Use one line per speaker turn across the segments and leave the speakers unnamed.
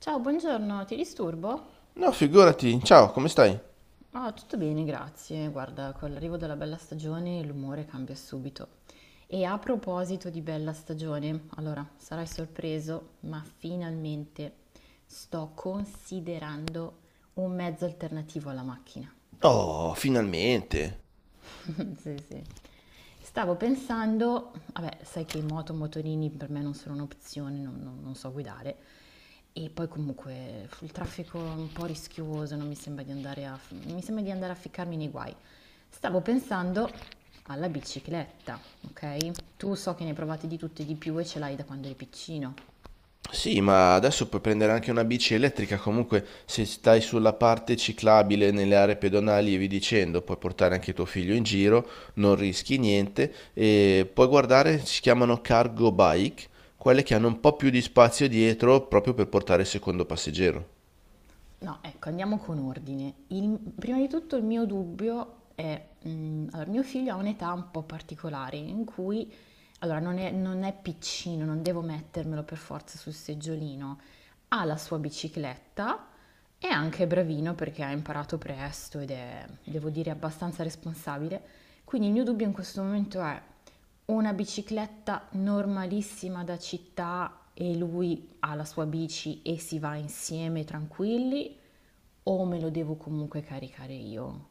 Ciao, buongiorno, ti disturbo?
No, figurati. Ciao, come stai?
Ah, tutto bene, grazie. Guarda, con l'arrivo della bella stagione l'umore cambia subito. E a proposito di bella stagione, allora, sarai sorpreso, ma finalmente sto considerando un mezzo alternativo alla macchina.
Oh, finalmente.
Sì, sì. Stavo pensando, vabbè, sai che moto, motorini per me non sono un'opzione, non so guidare. E poi comunque il traffico è un po' rischioso, non mi sembra di andare a, mi sembra di andare a ficcarmi nei guai. Stavo pensando alla bicicletta, ok? Tu so che ne hai provate di tutte e di più e ce l'hai da quando eri piccino.
Sì, ma adesso puoi prendere anche una bici elettrica comunque se stai sulla parte ciclabile nelle aree pedonali e vi dicendo, puoi portare anche tuo figlio in giro, non rischi niente e puoi guardare, si chiamano cargo bike, quelle che hanno un po' più di spazio dietro proprio per portare il secondo passeggero.
No, ecco, andiamo con ordine. Prima di tutto il mio dubbio è, allora, mio figlio ha un'età un po' particolare in cui, allora, non è piccino, non devo mettermelo per forza sul seggiolino, ha la sua bicicletta, è anche bravino perché ha imparato presto ed è, devo dire, abbastanza responsabile. Quindi il mio dubbio in questo momento è una bicicletta normalissima da città e lui ha la sua bici e si va insieme tranquilli o me lo devo comunque caricare io?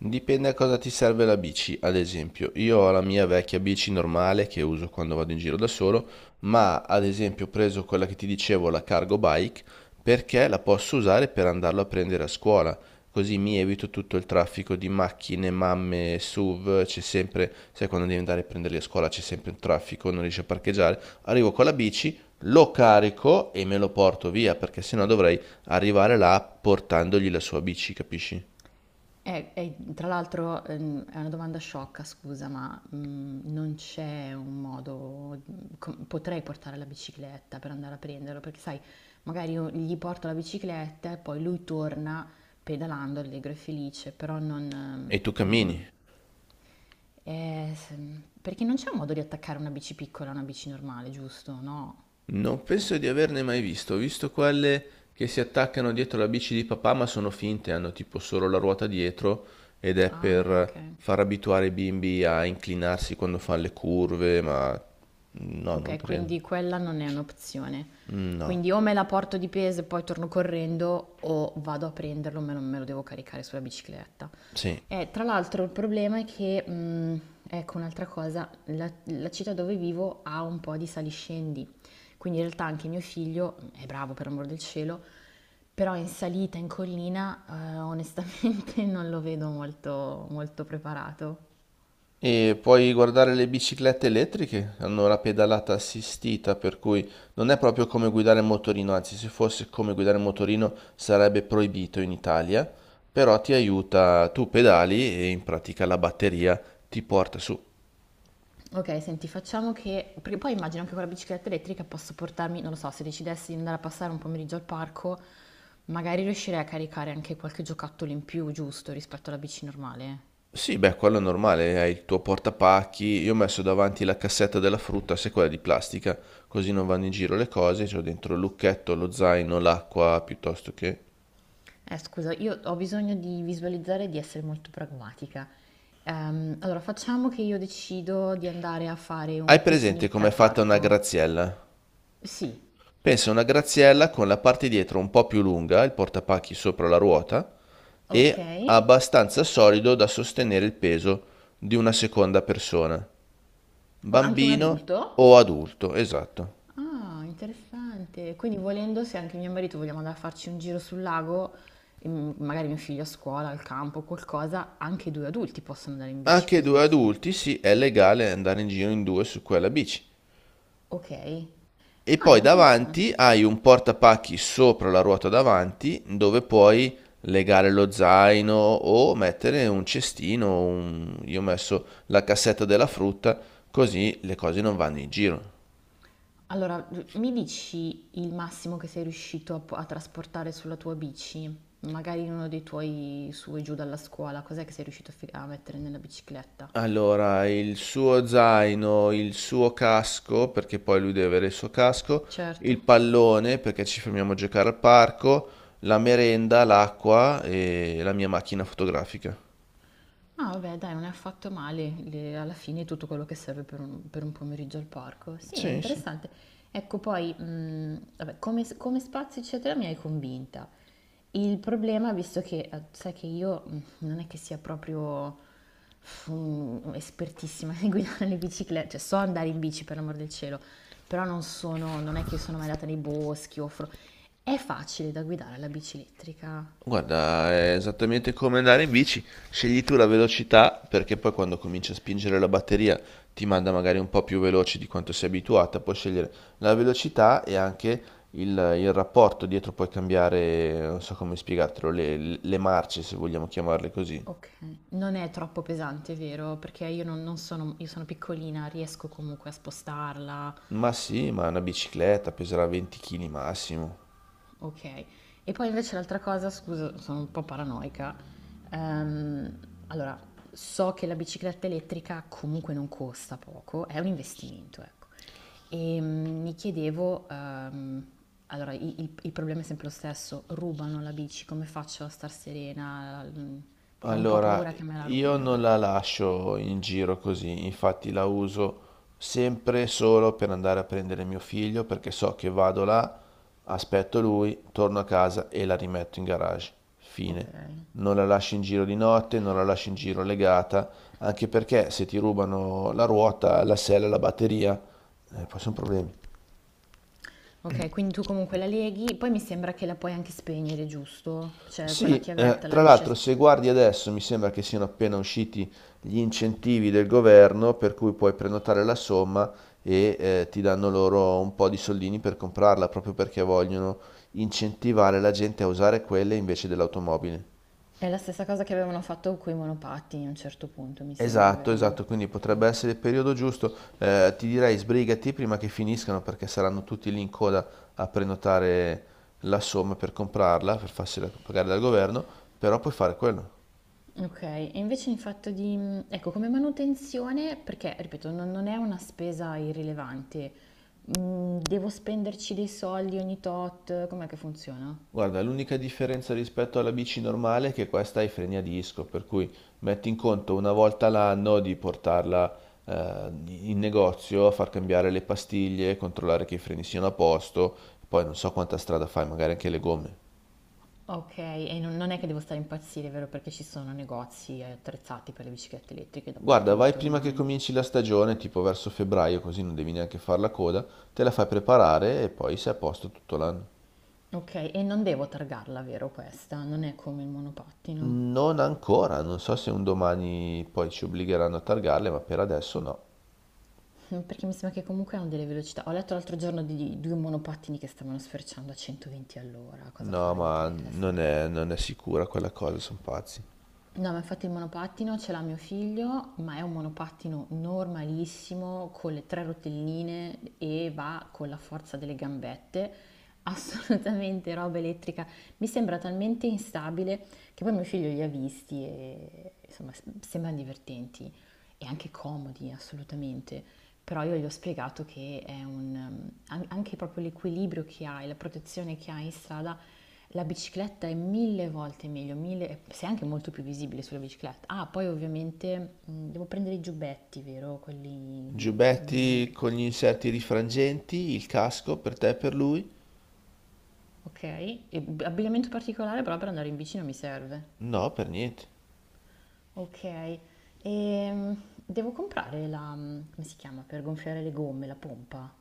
Dipende a cosa ti serve la bici, ad esempio, io ho la mia vecchia bici normale che uso quando vado in giro da solo, ma ad esempio ho preso quella che ti dicevo, la cargo bike, perché la posso usare per andarlo a prendere a scuola, così mi evito tutto il traffico di macchine, mamme, SUV, c'è sempre, sai quando devi andare a prenderli a scuola c'è sempre un traffico, non riesci a parcheggiare, arrivo con la bici, lo carico e me lo porto via, perché sennò dovrei arrivare là portandogli la sua bici, capisci?
Tra l'altro è una domanda sciocca, scusa, ma non c'è un modo, potrei portare la bicicletta per andare a prenderlo, perché sai, magari io gli porto la bicicletta e poi lui torna pedalando allegro e felice, però
E tu cammini.
eh, s- perché non c'è un modo di attaccare una bici piccola a una bici normale, giusto? No?
Non penso di averne mai visto, ho visto quelle che si attaccano dietro la bici di papà, ma sono finte, hanno tipo solo la ruota dietro ed è
Ah, ok.
per far abituare i bimbi a inclinarsi quando fanno le curve, ma no, non
Ok,
credo.
quindi quella non è un'opzione.
No,
Quindi o me la porto di peso e poi torno correndo o vado a prenderlo, me lo devo caricare sulla bicicletta.
sì.
E tra l'altro il problema è che, ecco un'altra cosa, la città dove vivo ha un po' di saliscendi, quindi in realtà anche mio figlio è bravo per amor del cielo, però in salita, in collina, onestamente non lo vedo molto preparato.
E puoi guardare le biciclette elettriche, hanno la pedalata assistita, per cui non è proprio come guidare il motorino, anzi se fosse come guidare il motorino sarebbe proibito in Italia, però ti aiuta, tu pedali e in pratica la batteria ti porta su.
Ok, senti, facciamo che... Perché poi immagino anche con la bicicletta elettrica posso portarmi, non lo so, se decidessi di andare a passare un pomeriggio al parco, magari riuscirei a caricare anche qualche giocattolo in più, giusto, rispetto alla bici normale.
Sì, beh, quello è normale, hai il tuo portapacchi, io ho messo davanti la cassetta della frutta, se quella è di plastica, così non vanno in giro le cose, c'ho dentro il lucchetto, lo zaino, l'acqua, piuttosto che...
Scusa, io ho bisogno di visualizzare e di essere molto pragmatica. Allora, facciamo che io decido di andare a fare
Hai
un
presente
picnic
com'è
al
fatta una
parco.
graziella?
Sì,
Pensa a una graziella con la parte dietro un po' più lunga, il portapacchi sopra la ruota,
ok.
e abbastanza solido da sostenere il peso di una seconda persona,
O anche un
bambino
adulto?
o adulto, esatto.
Ah, interessante. Quindi volendo, se anche mio marito vogliamo andare a farci un giro sul lago, e magari mio figlio a scuola, al campo, qualcosa, anche i due adulti possono andare in bici
Anche
così
due
insieme.
adulti, sì, è legale andare in giro in due su quella bici.
Ok.
E
Ah,
poi
interessante.
davanti hai un portapacchi sopra la ruota davanti dove puoi legare lo zaino o mettere un cestino, un- io ho messo la cassetta della frutta, così le cose non vanno in giro.
Allora, mi dici il massimo che sei riuscito a, a trasportare sulla tua bici? Magari in uno dei tuoi su e giù dalla scuola, cos'è che sei riuscito a a mettere nella bicicletta?
Allora, il suo zaino, il suo casco, perché poi lui deve avere il suo casco, il
Certo.
pallone, perché ci fermiamo a giocare al parco, la merenda, l'acqua e la mia macchina fotografica.
Ah, vabbè, dai, non è affatto male. Le- alla fine è tutto quello che serve per per un pomeriggio al parco. Sì, è
Sì, sì.
interessante. Ecco, poi, vabbè, come spazio, eccetera, mi hai convinta. Il problema, visto che sai che io non è che sia proprio espertissima nel guidare le biciclette, cioè so andare in bici per l'amor del cielo, però non è che sono mai andata nei boschi o è facile da guidare la bici elettrica?
Guarda, è esattamente come andare in bici, scegli tu la velocità perché poi quando cominci a spingere la batteria ti manda magari un po' più veloce di quanto sei abituata, puoi scegliere la velocità e anche il, il rapporto dietro, puoi cambiare, non so come spiegartelo, le marce se vogliamo chiamarle così.
Okay, non è troppo pesante, vero? Perché io non non sono io sono piccolina, riesco comunque a spostarla,
Ma sì, ma una bicicletta peserà 20 kg massimo.
okay. E poi invece l'altra cosa, scusa, sono un po' paranoica, ehm, allora so che la bicicletta elettrica comunque non costa poco, è un investimento, ecco. Mi chiedevo, allora i il problema è sempre lo stesso, rubano la bici, come faccio a star serena? Mhmm, perché ho un po'
Allora,
paura che me la
io
rubino,
non la
ecco.
lascio in giro così, infatti la uso sempre solo per andare a prendere mio figlio perché so che vado là, aspetto lui, torno a casa e la rimetto in garage. Fine.
Okay.
Non la lascio in giro di notte, non la lascio in giro legata, anche perché se ti rubano la ruota, la sella, la batteria, poi sono problemi.
Ok, quindi tu comunque la leghi, poi mi sembra che la puoi anche spegnere, giusto? Cioè con la
Sì,
chiavetta la
tra
riesci a
l'altro se
spegnere.
guardi adesso mi sembra che siano appena usciti gli incentivi del governo per cui puoi prenotare la somma e ti danno loro un po' di soldini per comprarla, proprio perché vogliono incentivare la gente a usare quelle invece dell'automobile.
È la stessa cosa che avevano fatto con i monopatti a un certo punto, mi sembra,
Esatto,
vero?
esatto, quindi potrebbe essere il periodo giusto. Ti direi sbrigati prima che finiscano perché saranno tutti lì in coda a prenotare la somma per comprarla, per farsela pagare dal governo, però puoi fare quello.
Ok, e invece in fatto di... Ecco, come manutenzione, perché, ripeto, non è una spesa irrilevante. Mm, devo spenderci dei soldi ogni tot, com'è che funziona?
Guarda, l'unica differenza rispetto alla bici normale è che questa ha i freni a disco, per cui metti in conto una volta l'anno di portarla in negozio a far cambiare le pastiglie, controllare che i freni siano a posto, poi non so quanta strada fai, magari anche le gomme.
Ok, e non è che devo stare a impazzire, vero? Perché ci sono negozi attrezzati per le biciclette elettriche
Guarda, vai
dappertutto
prima che
ormai.
cominci la stagione, tipo verso febbraio, così non devi neanche far la coda, te la fai preparare e poi sei a posto tutto l'anno.
Okay, e non devo targarla, vero questa? Non è come il monopattino?
Non ancora, non so se un domani poi ci obbligheranno a targarle, ma per adesso no.
Perché mi sembra che comunque hanno delle velocità. Ho letto l'altro giorno di 2 monopattini che stavano sferciando a 120 all'ora, cosa
No,
fuori di
ma
testa.
non è, non è sicura quella cosa, sono pazzi.
No, ma infatti il monopattino ce l'ha mio figlio, ma è un monopattino normalissimo con le 3 rotelline e va con la forza delle gambette. Assolutamente roba elettrica. Mi sembra talmente instabile che poi mio figlio li ha visti e insomma sembrano divertenti. E anche comodi assolutamente, però io gli ho spiegato che è un, anche proprio l'equilibrio che hai, la protezione che hai in strada, la bicicletta è mille volte meglio, mille, sei anche molto più visibile sulla bicicletta. Ah, poi ovviamente devo prendere i giubbetti, vero? Quelli mh,
Giubbetti
visibili.
con gli inserti rifrangenti, il casco per te e per lui?
Ok, e abbigliamento particolare però per andare in bici non mi serve.
No, per niente.
Ok, e devo comprare come si chiama, per gonfiare le gomme, la pompa.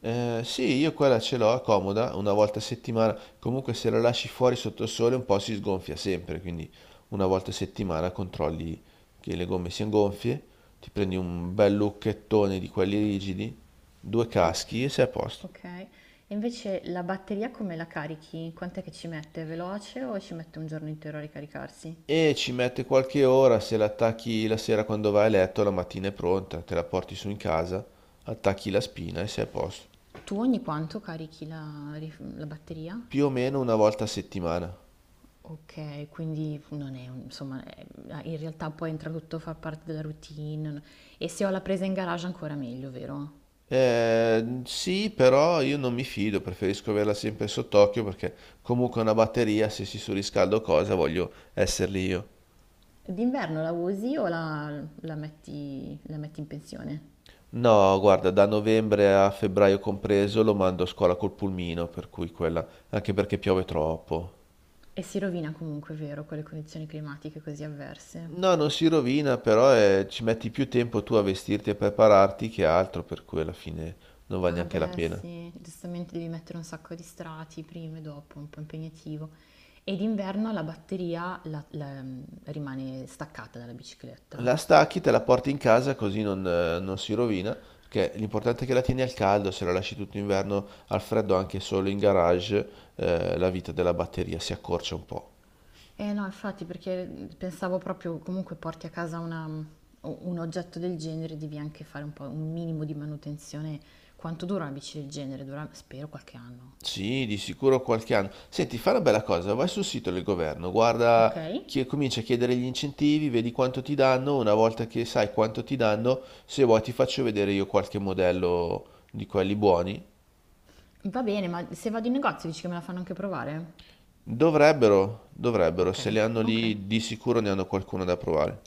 Sì, io quella ce l'ho, è comoda, una volta a settimana. Comunque se la lasci fuori sotto il sole un po' si sgonfia sempre, quindi una volta a settimana controlli che le gomme siano gonfie, ti prendi un bel lucchettone di quelli rigidi, due
Ok,
caschi e sei a posto.
ok. E invece la batteria come la carichi? Quant'è che ci mette? È veloce o ci mette un giorno intero a ricaricarsi?
E ci mette qualche ora, se la attacchi la sera quando vai a letto, la mattina è pronta, te la porti su in casa, attacchi la spina e sei a posto.
Tu ogni quanto carichi la batteria?
Più o meno una volta a settimana.
Ok, quindi non è, un- insomma, in realtà poi entra tutto a far parte della routine. E se ho la presa in garage ancora meglio, vero?
Sì, però io non mi fido, preferisco averla sempre sott'occhio perché comunque una batteria, se si surriscalda o cosa, voglio esserli io.
D'inverno la usi o la metti in pensione?
No, guarda, da novembre a febbraio compreso lo mando a scuola col pulmino, per cui quella, anche perché piove troppo.
E si rovina comunque, vero, con le condizioni climatiche così avverse.
No, non si rovina, però ci metti più tempo tu a vestirti e prepararti che altro, per cui alla fine non vale
Ah
neanche la
beh,
pena.
sì, giustamente devi mettere un sacco di strati prima e dopo, un po' impegnativo. E d'inverno la batteria rimane staccata dalla bicicletta.
La stacchi, te la porti in casa così non, non si rovina, perché l'importante è che la tieni al caldo, se la lasci tutto inverno al freddo anche solo in garage, la vita della batteria si accorcia un po'.
Eh no, infatti, perché pensavo proprio comunque porti a casa un oggetto del genere, devi anche fare un po' un minimo di manutenzione. Quanto dura una bici del genere? Dura, spero, qualche anno.
Sì, di sicuro qualche anno. Senti, fai una bella cosa, vai sul sito del governo,
Ok?
guarda, chi- comincia a chiedere gli incentivi, vedi quanto ti danno, una volta che sai quanto ti danno, se vuoi ti faccio vedere io qualche modello di quelli buoni.
Va bene, ma se vado in negozio dici che me la fanno anche provare?
Dovrebbero, dovrebbero,
Ok,
se li hanno
ok.
lì, di sicuro ne hanno qualcuno da provare.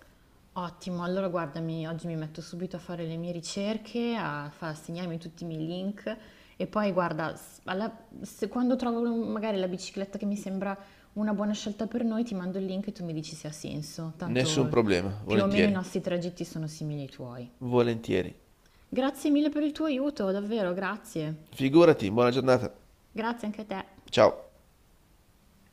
Ottimo, allora guardami, oggi mi metto subito a fare le mie ricerche, a segnarmi tutti i miei link e poi guarda, quando trovo magari la bicicletta che mi sembra una buona scelta per noi, ti mando il link e tu mi dici se ha senso.
Nessun
Tanto
problema,
più o meno i
volentieri.
nostri tragitti sono simili ai tuoi.
Volentieri.
Grazie mille per il tuo aiuto, davvero, grazie.
Figurati, buona giornata.
Grazie anche a te.
Ciao.